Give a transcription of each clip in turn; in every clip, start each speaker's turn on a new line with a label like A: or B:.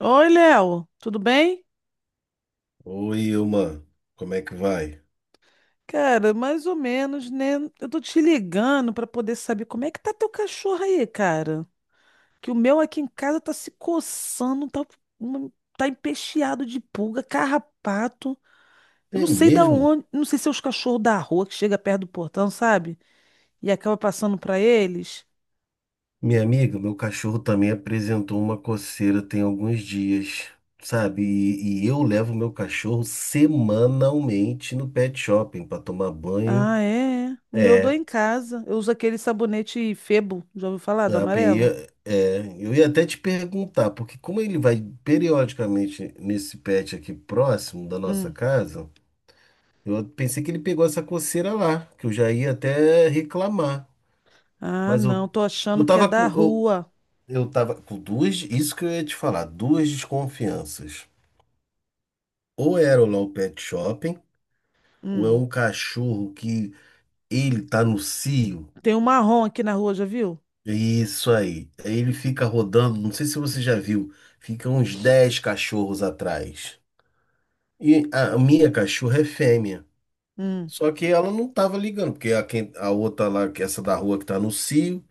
A: Oi, Léo, tudo bem?
B: Oi, Ilma, como é que vai?
A: Cara, mais ou menos, né? Eu tô te ligando pra poder saber como é que tá teu cachorro aí, cara. Que o meu aqui em casa tá se coçando, tá, uma- tá empecheado de pulga, carrapato. Eu
B: É
A: não sei da
B: mesmo?
A: onde, não sei se é os cachorros da rua que chega perto do portão, sabe? E acaba passando pra eles.
B: Minha amiga, meu cachorro também apresentou uma coceira tem alguns dias, sabe? E eu levo meu cachorro semanalmente no pet shopping para tomar banho.
A: Ah, é. É. O meu eu dou
B: É,
A: em casa. Eu uso aquele sabonete Febo, já ouviu falar do
B: a PI,
A: amarelo?
B: eu ia até te perguntar, porque como ele vai periodicamente nesse pet aqui próximo da nossa
A: Hum.
B: casa, eu pensei que ele pegou essa coceira lá, que eu já ia até reclamar.
A: Ah,
B: Mas
A: não, tô
B: eu
A: achando que é
B: tava com.
A: da
B: Eu,
A: rua.
B: Eu tava com duas, isso que eu ia te falar, duas desconfianças. Ou era lá o Law Pet Shopping, ou é
A: Hum.
B: um cachorro que ele tá no cio.
A: Tem um marrom aqui na rua, já viu?
B: Isso aí. Aí ele fica rodando, não sei se você já viu, fica uns 10 cachorros atrás. E a minha cachorra é fêmea.
A: Hum.
B: Só que ela não tava ligando, porque a outra lá, que essa da rua que tá no cio,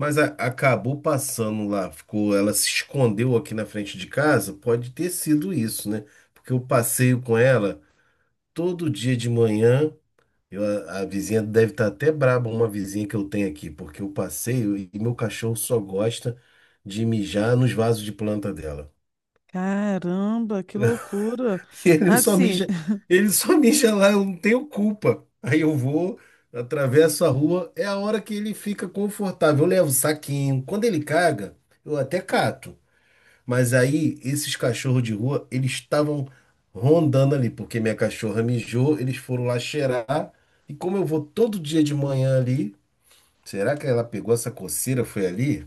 B: mas acabou passando lá, ficou, ela se escondeu aqui na frente de casa, pode ter sido isso, né? Porque eu passeio com ela todo dia de manhã. eu- a vizinha deve estar até braba, uma vizinha que eu tenho aqui, porque eu passeio e meu cachorro só gosta de mijar nos vasos de planta dela.
A: Caramba, que loucura.
B: Ele só
A: Assim,
B: mija, ele só mija lá, eu não tenho culpa. Aí eu vou, atravesso a rua, é a hora que ele fica confortável. Eu levo o saquinho. Quando ele caga, eu até cato. Mas aí, esses cachorros de rua, eles estavam rondando ali, porque minha cachorra mijou, eles foram lá cheirar. E como eu vou todo dia de manhã ali, será que ela pegou essa coceira, foi ali?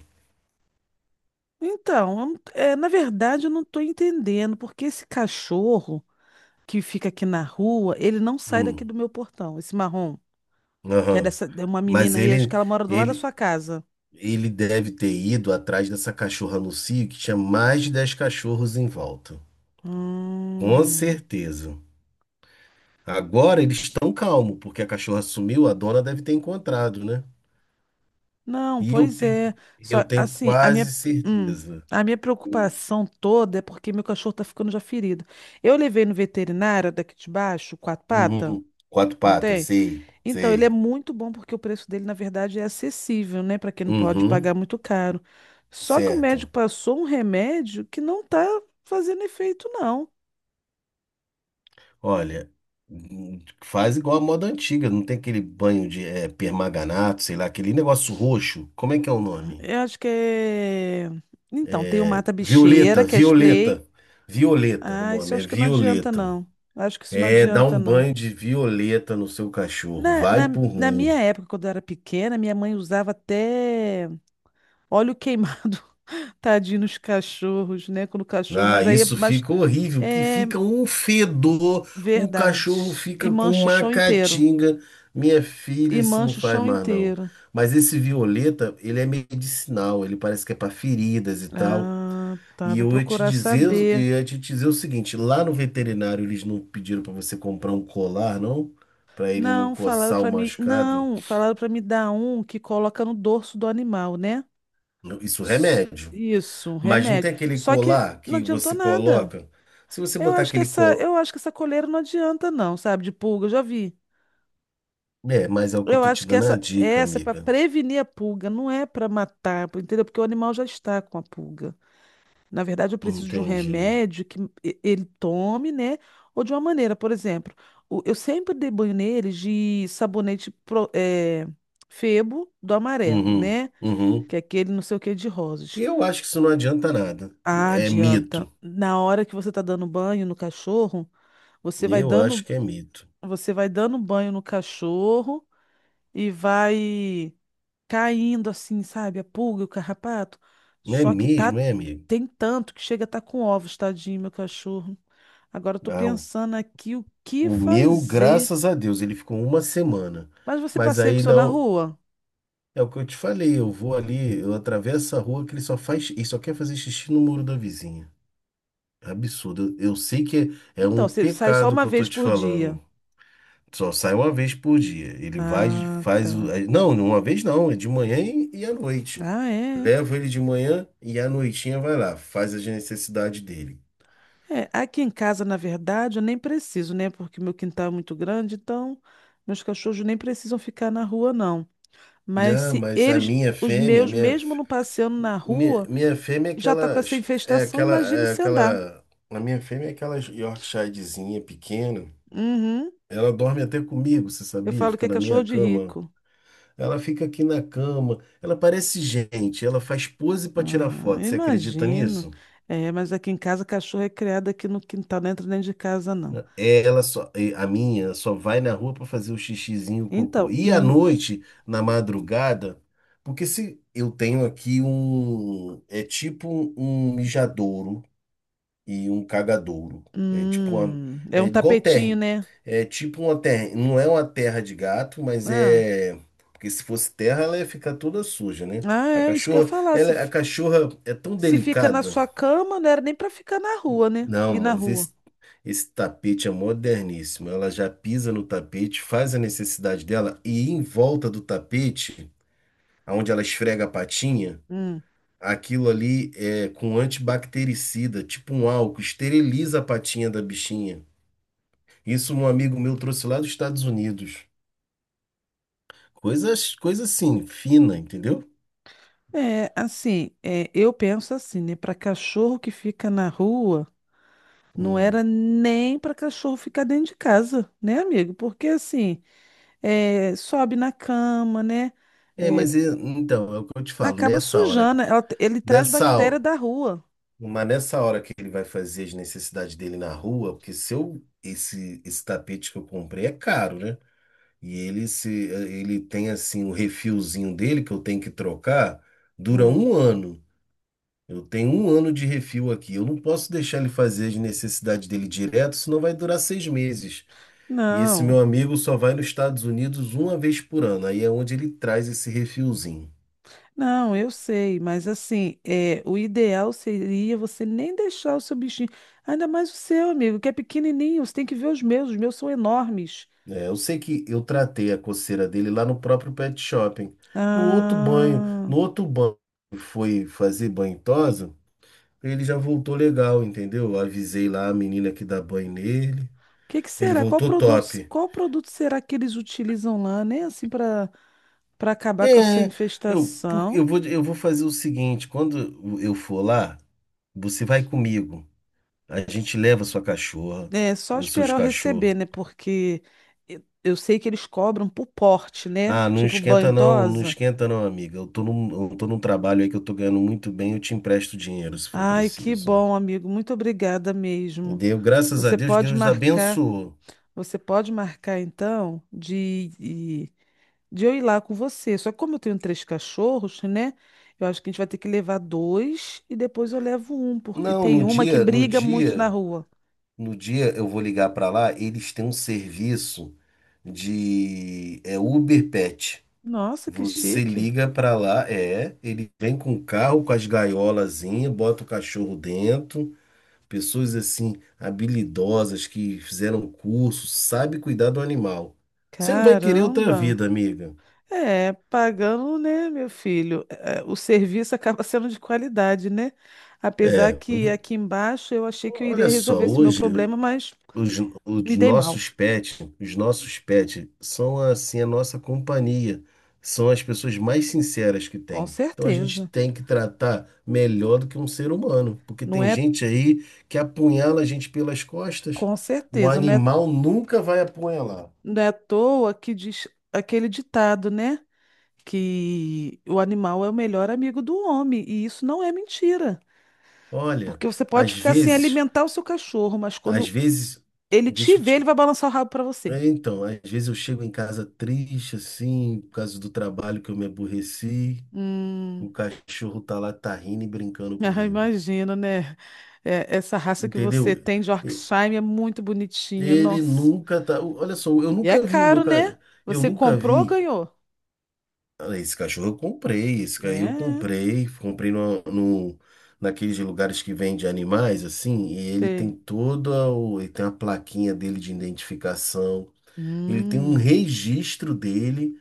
A: então, eu não- é, na verdade eu não estou entendendo porque esse cachorro que fica aqui na rua, ele não sai daqui
B: Hum,
A: do meu portão, esse marrom, que é
B: aham.
A: dessa, é uma
B: Mas
A: menina aí, acho que ela mora do lado da
B: ele,
A: sua casa.
B: ele deve ter ido atrás dessa cachorra no cio, que tinha mais de 10 cachorros em volta. Com
A: Hum.
B: certeza. Agora eles estão calmos, porque a cachorra sumiu, a dona deve ter encontrado, né?
A: Não,
B: E eu
A: pois
B: tenho,
A: é. Só,
B: eu tenho
A: assim,
B: quase
A: hum,
B: certeza.
A: a minha preocupação toda é porque meu cachorro tá ficando já ferido. Eu levei no veterinário daqui de baixo, quatro patas.
B: Uhum. Quatro
A: Não
B: patas,
A: tem?
B: sei,
A: Então, ele é
B: sei.
A: muito bom porque o preço dele, na verdade, é acessível, né, para quem não pode
B: Uhum,
A: pagar muito caro. Só que o médico
B: certo.
A: passou um remédio que não tá fazendo efeito, não.
B: Olha, faz igual a moda antiga, não tem aquele banho de permanganato, sei lá, aquele negócio roxo. Como é que é o nome?
A: Eu acho que é. Então, tem o mata-bicheira,
B: Violeta,
A: que é
B: Violeta.
A: Splay.
B: Violeta, o
A: Ah, isso eu
B: nome é
A: acho que não adianta,
B: Violeta.
A: não. Acho que isso não
B: É, dá um
A: adianta, não.
B: banho de violeta no seu cachorro.
A: Na,
B: Vai
A: na,
B: por
A: na minha
B: mim.
A: época, quando eu era pequena, minha mãe usava até óleo queimado, tadinho nos cachorros, né? Quando o cachorro.
B: Ah,
A: Mas aí,
B: isso
A: mas,
B: fica horrível, que
A: é,
B: fica um fedor, o
A: verdade.
B: cachorro
A: E
B: fica com
A: mancha o
B: uma
A: chão inteiro.
B: catinga. Minha filha,
A: E
B: isso não
A: mancha o
B: faz
A: chão
B: mais não.
A: inteiro.
B: Mas esse violeta, ele é medicinal, ele parece que é para feridas e tal.
A: Ah, tá.
B: E
A: Vou
B: eu ia te
A: procurar
B: dizer, eu
A: saber.
B: ia te dizer o seguinte, lá no veterinário eles não pediram para você comprar um colar, não? Para ele não
A: Não, falaram
B: coçar o
A: pra mim.
B: machucado.
A: Não, falaram pra me dar um que coloca no dorso do animal, né?
B: Não, isso é
A: S-
B: remédio.
A: Isso, um
B: Mas não tem
A: remédio.
B: aquele
A: Só que
B: colar
A: não
B: que
A: adiantou
B: você
A: nada.
B: coloca? Se você
A: Eu
B: botar
A: acho que
B: aquele
A: essa,
B: colar.
A: eu acho que essa coleira não adianta, não, sabe? De pulga, eu já vi.
B: É, mas é o que eu
A: Eu
B: tô te
A: acho que
B: dando a
A: essa,
B: dica,
A: essa é pra
B: amiga.
A: prevenir a pulga, não é pra matar, entendeu? Porque o animal já está com a pulga. Na verdade, eu preciso de um
B: Entendi.
A: remédio que ele tome, né? Ou de uma maneira, por exemplo, eu sempre dei banho neles de sabonete Febo do amarelo,
B: Uhum,
A: né?
B: uhum.
A: Que é aquele não sei o que de rosas.
B: Eu acho que isso não adianta nada.
A: Ah,
B: É
A: adianta.
B: mito.
A: Na hora que você tá dando banho no cachorro, você vai
B: Eu
A: dando,
B: acho que é mito.
A: você vai dando banho no cachorro e vai caindo assim, sabe? A pulga, o carrapato.
B: Não é
A: Só que
B: mesmo,
A: tá
B: é, amigo?
A: Tem tanto que chega a tá com ovos, tadinho, meu cachorro. Agora eu tô
B: Não.
A: pensando aqui o que
B: O meu,
A: fazer.
B: graças a Deus, ele ficou uma semana.
A: Mas você
B: Mas
A: passeia com o
B: aí
A: seu na
B: não.
A: rua?
B: É o que eu te falei. Eu vou ali, eu atravesso a rua que ele só faz. Ele só quer fazer xixi no muro da vizinha. É absurdo. Eu sei que é
A: Então,
B: um
A: você sai só
B: pecado
A: uma
B: que eu tô
A: vez
B: te
A: por dia.
B: falando. Só sai uma vez por dia. Ele vai,
A: Ah, tá.
B: Não, uma vez não, é de manhã e à noite.
A: Ah, é.
B: Levo ele de manhã e à noitinha vai lá, faz as necessidades dele.
A: É, aqui em casa, na verdade, eu nem preciso, né? Porque meu quintal é muito grande, então meus cachorros nem precisam ficar na rua, não. Mas
B: Ah,
A: se
B: mas a
A: eles,
B: minha
A: os
B: fêmea, a
A: meus,
B: minha,
A: mesmo
B: f-
A: não passeando na
B: minha,
A: rua,
B: minha fêmea é
A: já tá com
B: aquela,
A: essa
B: é
A: infestação,
B: aquela,
A: imagine
B: é
A: se andar.
B: aquela, a minha fêmea é aquela Yorkshirezinha pequena.
A: Uhum.
B: Ela dorme até comigo, você
A: Eu
B: sabia?
A: falo que
B: Fica
A: é
B: na minha
A: cachorro de
B: cama.
A: rico.
B: Ela fica aqui na cama. Ela parece gente. Ela faz pose para tirar
A: Ah,
B: foto. Você acredita
A: imagino.
B: nisso?
A: É, mas aqui em casa cachorro é criado aqui no quintal, não entra dentro de casa, não.
B: A minha só vai na rua para fazer o xixizinho, o cocô.
A: Então,
B: E à noite, na madrugada, porque se eu tenho aqui um, é tipo um mijadouro e um cagadouro. É tipo uma,
A: é
B: é
A: um
B: igual terra.
A: tapetinho, né?
B: É tipo uma terra, não é uma terra de gato, mas
A: Ah,
B: é, porque se fosse terra, ela ia ficar toda suja, né?
A: ah,
B: A
A: é isso que eu ia
B: cachorra,
A: falar. Se,
B: ela, a
A: fi-
B: cachorra é tão
A: se fica na
B: delicada.
A: sua cama, não era nem pra ficar na rua, né?
B: Não,
A: E na
B: mas
A: rua.
B: esse tapete é moderníssimo. Ela já pisa no tapete, faz a necessidade dela e em volta do tapete, onde ela esfrega a patinha,
A: Hum.
B: aquilo ali é com antibactericida, tipo um álcool, esteriliza a patinha da bichinha. Isso um amigo meu trouxe lá dos Estados Unidos. Coisas, coisa assim, fina, entendeu?
A: É, assim, eu penso assim, né? Para cachorro que fica na rua, não
B: Hum.
A: era nem para cachorro ficar dentro de casa, né, amigo? Porque assim, sobe na cama, né?
B: É,
A: É,
B: então, é o que eu te falo,
A: acaba sujando. Ele traz
B: nessa,
A: bactéria da rua.
B: mas nessa hora que ele vai fazer as necessidades dele na rua, porque se eu, esse tapete que eu comprei é caro, né? E ele, se, ele tem assim o refilzinho dele que eu tenho que trocar, dura
A: Hum.
B: um ano. Eu tenho um ano de refil aqui. Eu não posso deixar ele fazer as necessidades dele direto, senão vai durar seis meses. E esse
A: Não,
B: meu amigo só vai nos Estados Unidos uma vez por ano. Aí é onde ele traz esse refilzinho.
A: não, eu sei, mas assim, o ideal seria você nem deixar o seu bichinho, ainda mais o seu, amigo, que é pequenininho. Você tem que ver os meus, são enormes.
B: É, eu sei que eu tratei a coceira dele lá no próprio pet shopping. No outro banho,
A: Ah.
B: no outro banho que foi fazer banho em tosa, ele já voltou legal, entendeu? Eu avisei lá a menina que dá banho nele.
A: Que
B: Ele
A: será? Qual
B: voltou
A: produto,
B: top.
A: qual produto será que eles utilizam lá, né? Assim, para acabar com essa
B: É, eu, por-
A: infestação.
B: eu vou, eu vou fazer o seguinte, quando eu for lá, você vai comigo. A gente leva sua cachorra
A: É só
B: e os seus
A: esperar eu receber,
B: cachorros.
A: né? Porque eu sei que eles cobram por porte, né?
B: Ah, não
A: Tipo
B: esquenta não, não
A: bentosa.
B: esquenta não, amiga. Eu tô num trabalho aí que eu tô ganhando muito bem, eu te empresto dinheiro se for
A: Ai, que
B: preciso.
A: bom, amigo. Muito obrigada mesmo.
B: Deu, graças a
A: Você
B: Deus,
A: pode
B: Deus
A: marcar.
B: abençoou.
A: Você pode marcar então de eu ir lá com você. Só que como eu tenho três cachorros, né? Eu acho que a gente vai ter que levar dois e depois eu levo um, porque
B: Não,
A: tem
B: no
A: uma que
B: dia, no
A: briga muito na
B: dia,
A: rua.
B: no dia eu vou ligar pra lá, eles têm um serviço de Uber Pet.
A: Nossa, que
B: Você
A: chique.
B: liga pra lá, ele vem com o carro, com as gaiolazinhas, bota o cachorro dentro. Pessoas assim, habilidosas, que fizeram curso, sabe cuidar do animal. Você não vai querer outra
A: Caramba.
B: vida, amiga.
A: É, pagando, né, meu filho? É, o serviço acaba sendo de qualidade, né? Apesar
B: É,
A: que aqui embaixo eu achei que eu
B: olha
A: iria resolver
B: só,
A: esse meu
B: hoje
A: problema, mas
B: os, os
A: me dei mal.
B: nossos pets, os nossos pets são assim a nossa companhia, são as pessoas mais sinceras que
A: Com
B: tem. Então a gente
A: certeza.
B: tem que tratar melhor do que um ser humano, porque
A: Não
B: tem
A: é,
B: gente aí que apunhala a gente pelas costas.
A: com
B: O
A: certeza, não é.
B: animal nunca vai apunhalar.
A: Não é à toa que diz aquele ditado, né? Que o animal é o melhor amigo do homem. E isso não é mentira.
B: Olha,
A: Porque você pode
B: às
A: ficar sem
B: vezes
A: alimentar o seu cachorro, mas
B: Às
A: quando
B: vezes,
A: ele te
B: deixa eu
A: vê, ele
B: te.
A: vai balançar o rabo para você.
B: É, então, às vezes eu chego em casa triste, assim, por causa do trabalho que eu me aborreci,
A: Hum,
B: o cachorro tá lá, tá rindo e brincando
A: ah,
B: comigo.
A: imagino, né? É, essa raça que
B: Entendeu?
A: você tem de
B: E-
A: Yorkshire é muito bonitinha,
B: Ele
A: nossa.
B: nunca tá. Olha só, eu
A: E é
B: nunca vi o meu
A: caro, né?
B: cachorro. Eu
A: Você
B: nunca
A: comprou ou
B: vi.
A: ganhou?
B: Ah, esse cachorro eu comprei, esse aí eu
A: É,
B: comprei, comprei no, no, naqueles lugares que vende animais, assim, e ele tem
A: sei.
B: toda o, ele tem a plaquinha dele de identificação. Ele tem um
A: Hum,
B: registro dele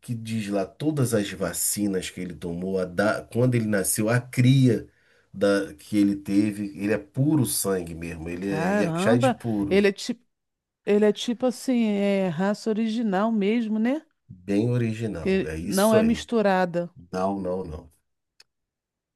B: que diz lá todas as vacinas que ele tomou, quando ele nasceu, a cria que ele teve, ele é puro sangue mesmo, ele é Yorkshire
A: caramba. Ele
B: puro,
A: é tipo. Ele é tipo assim, é raça original mesmo, né?
B: bem original,
A: Que
B: é
A: não
B: isso
A: é
B: aí.
A: misturada.
B: Não, não, não.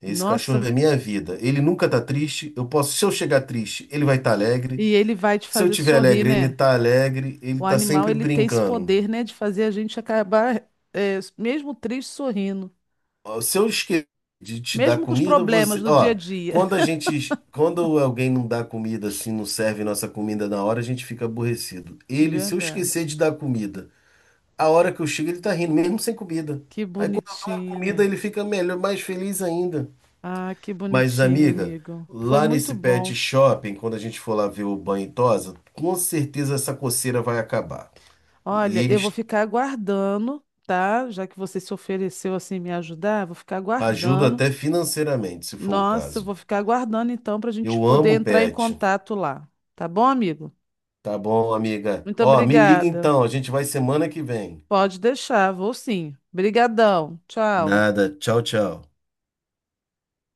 B: Esse cachorro
A: Nossa,
B: é minha vida. Ele nunca tá triste. Eu posso, se eu chegar triste, ele vai estar alegre.
A: e ele vai te
B: Se eu
A: fazer
B: tiver
A: sorrir, né?
B: alegre. Ele
A: O
B: tá
A: animal,
B: sempre
A: ele tem esse
B: brincando.
A: poder, né, de fazer a gente acabar, mesmo triste, sorrindo.
B: Ó, se eu esquecer de te dar
A: Mesmo com os
B: comida,
A: problemas
B: você,
A: do dia a
B: ó,
A: dia.
B: quando alguém não dá comida assim, não serve nossa comida na hora, a gente fica aborrecido. Ele, se eu esquecer
A: Verdade.
B: de dar comida, a hora que eu chego ele tá rindo, mesmo sem comida.
A: Que
B: Aí quando eu dou a
A: bonitinho,
B: comida,
A: né?
B: ele fica melhor, mais feliz ainda.
A: Ah, que
B: Mas
A: bonitinho,
B: amiga,
A: amigo. Foi
B: lá
A: muito
B: nesse
A: bom.
B: pet shopping, quando a gente for lá ver o banho e tosa, com certeza essa coceira vai acabar. E
A: Olha, eu vou
B: eles
A: ficar aguardando, tá? Já que você se ofereceu assim me ajudar, vou ficar
B: ajudam
A: aguardando.
B: até financeiramente, se for o
A: Nossa, eu
B: caso.
A: vou ficar aguardando então para a gente
B: Eu
A: poder
B: amo
A: entrar em
B: pet.
A: contato lá. Tá bom, amigo?
B: Tá bom, amiga.
A: Muito
B: Ó, me liga
A: obrigada.
B: então, a gente vai semana que vem.
A: Pode deixar, vou sim. Brigadão. Tchau.
B: Nada. Tchau, tchau.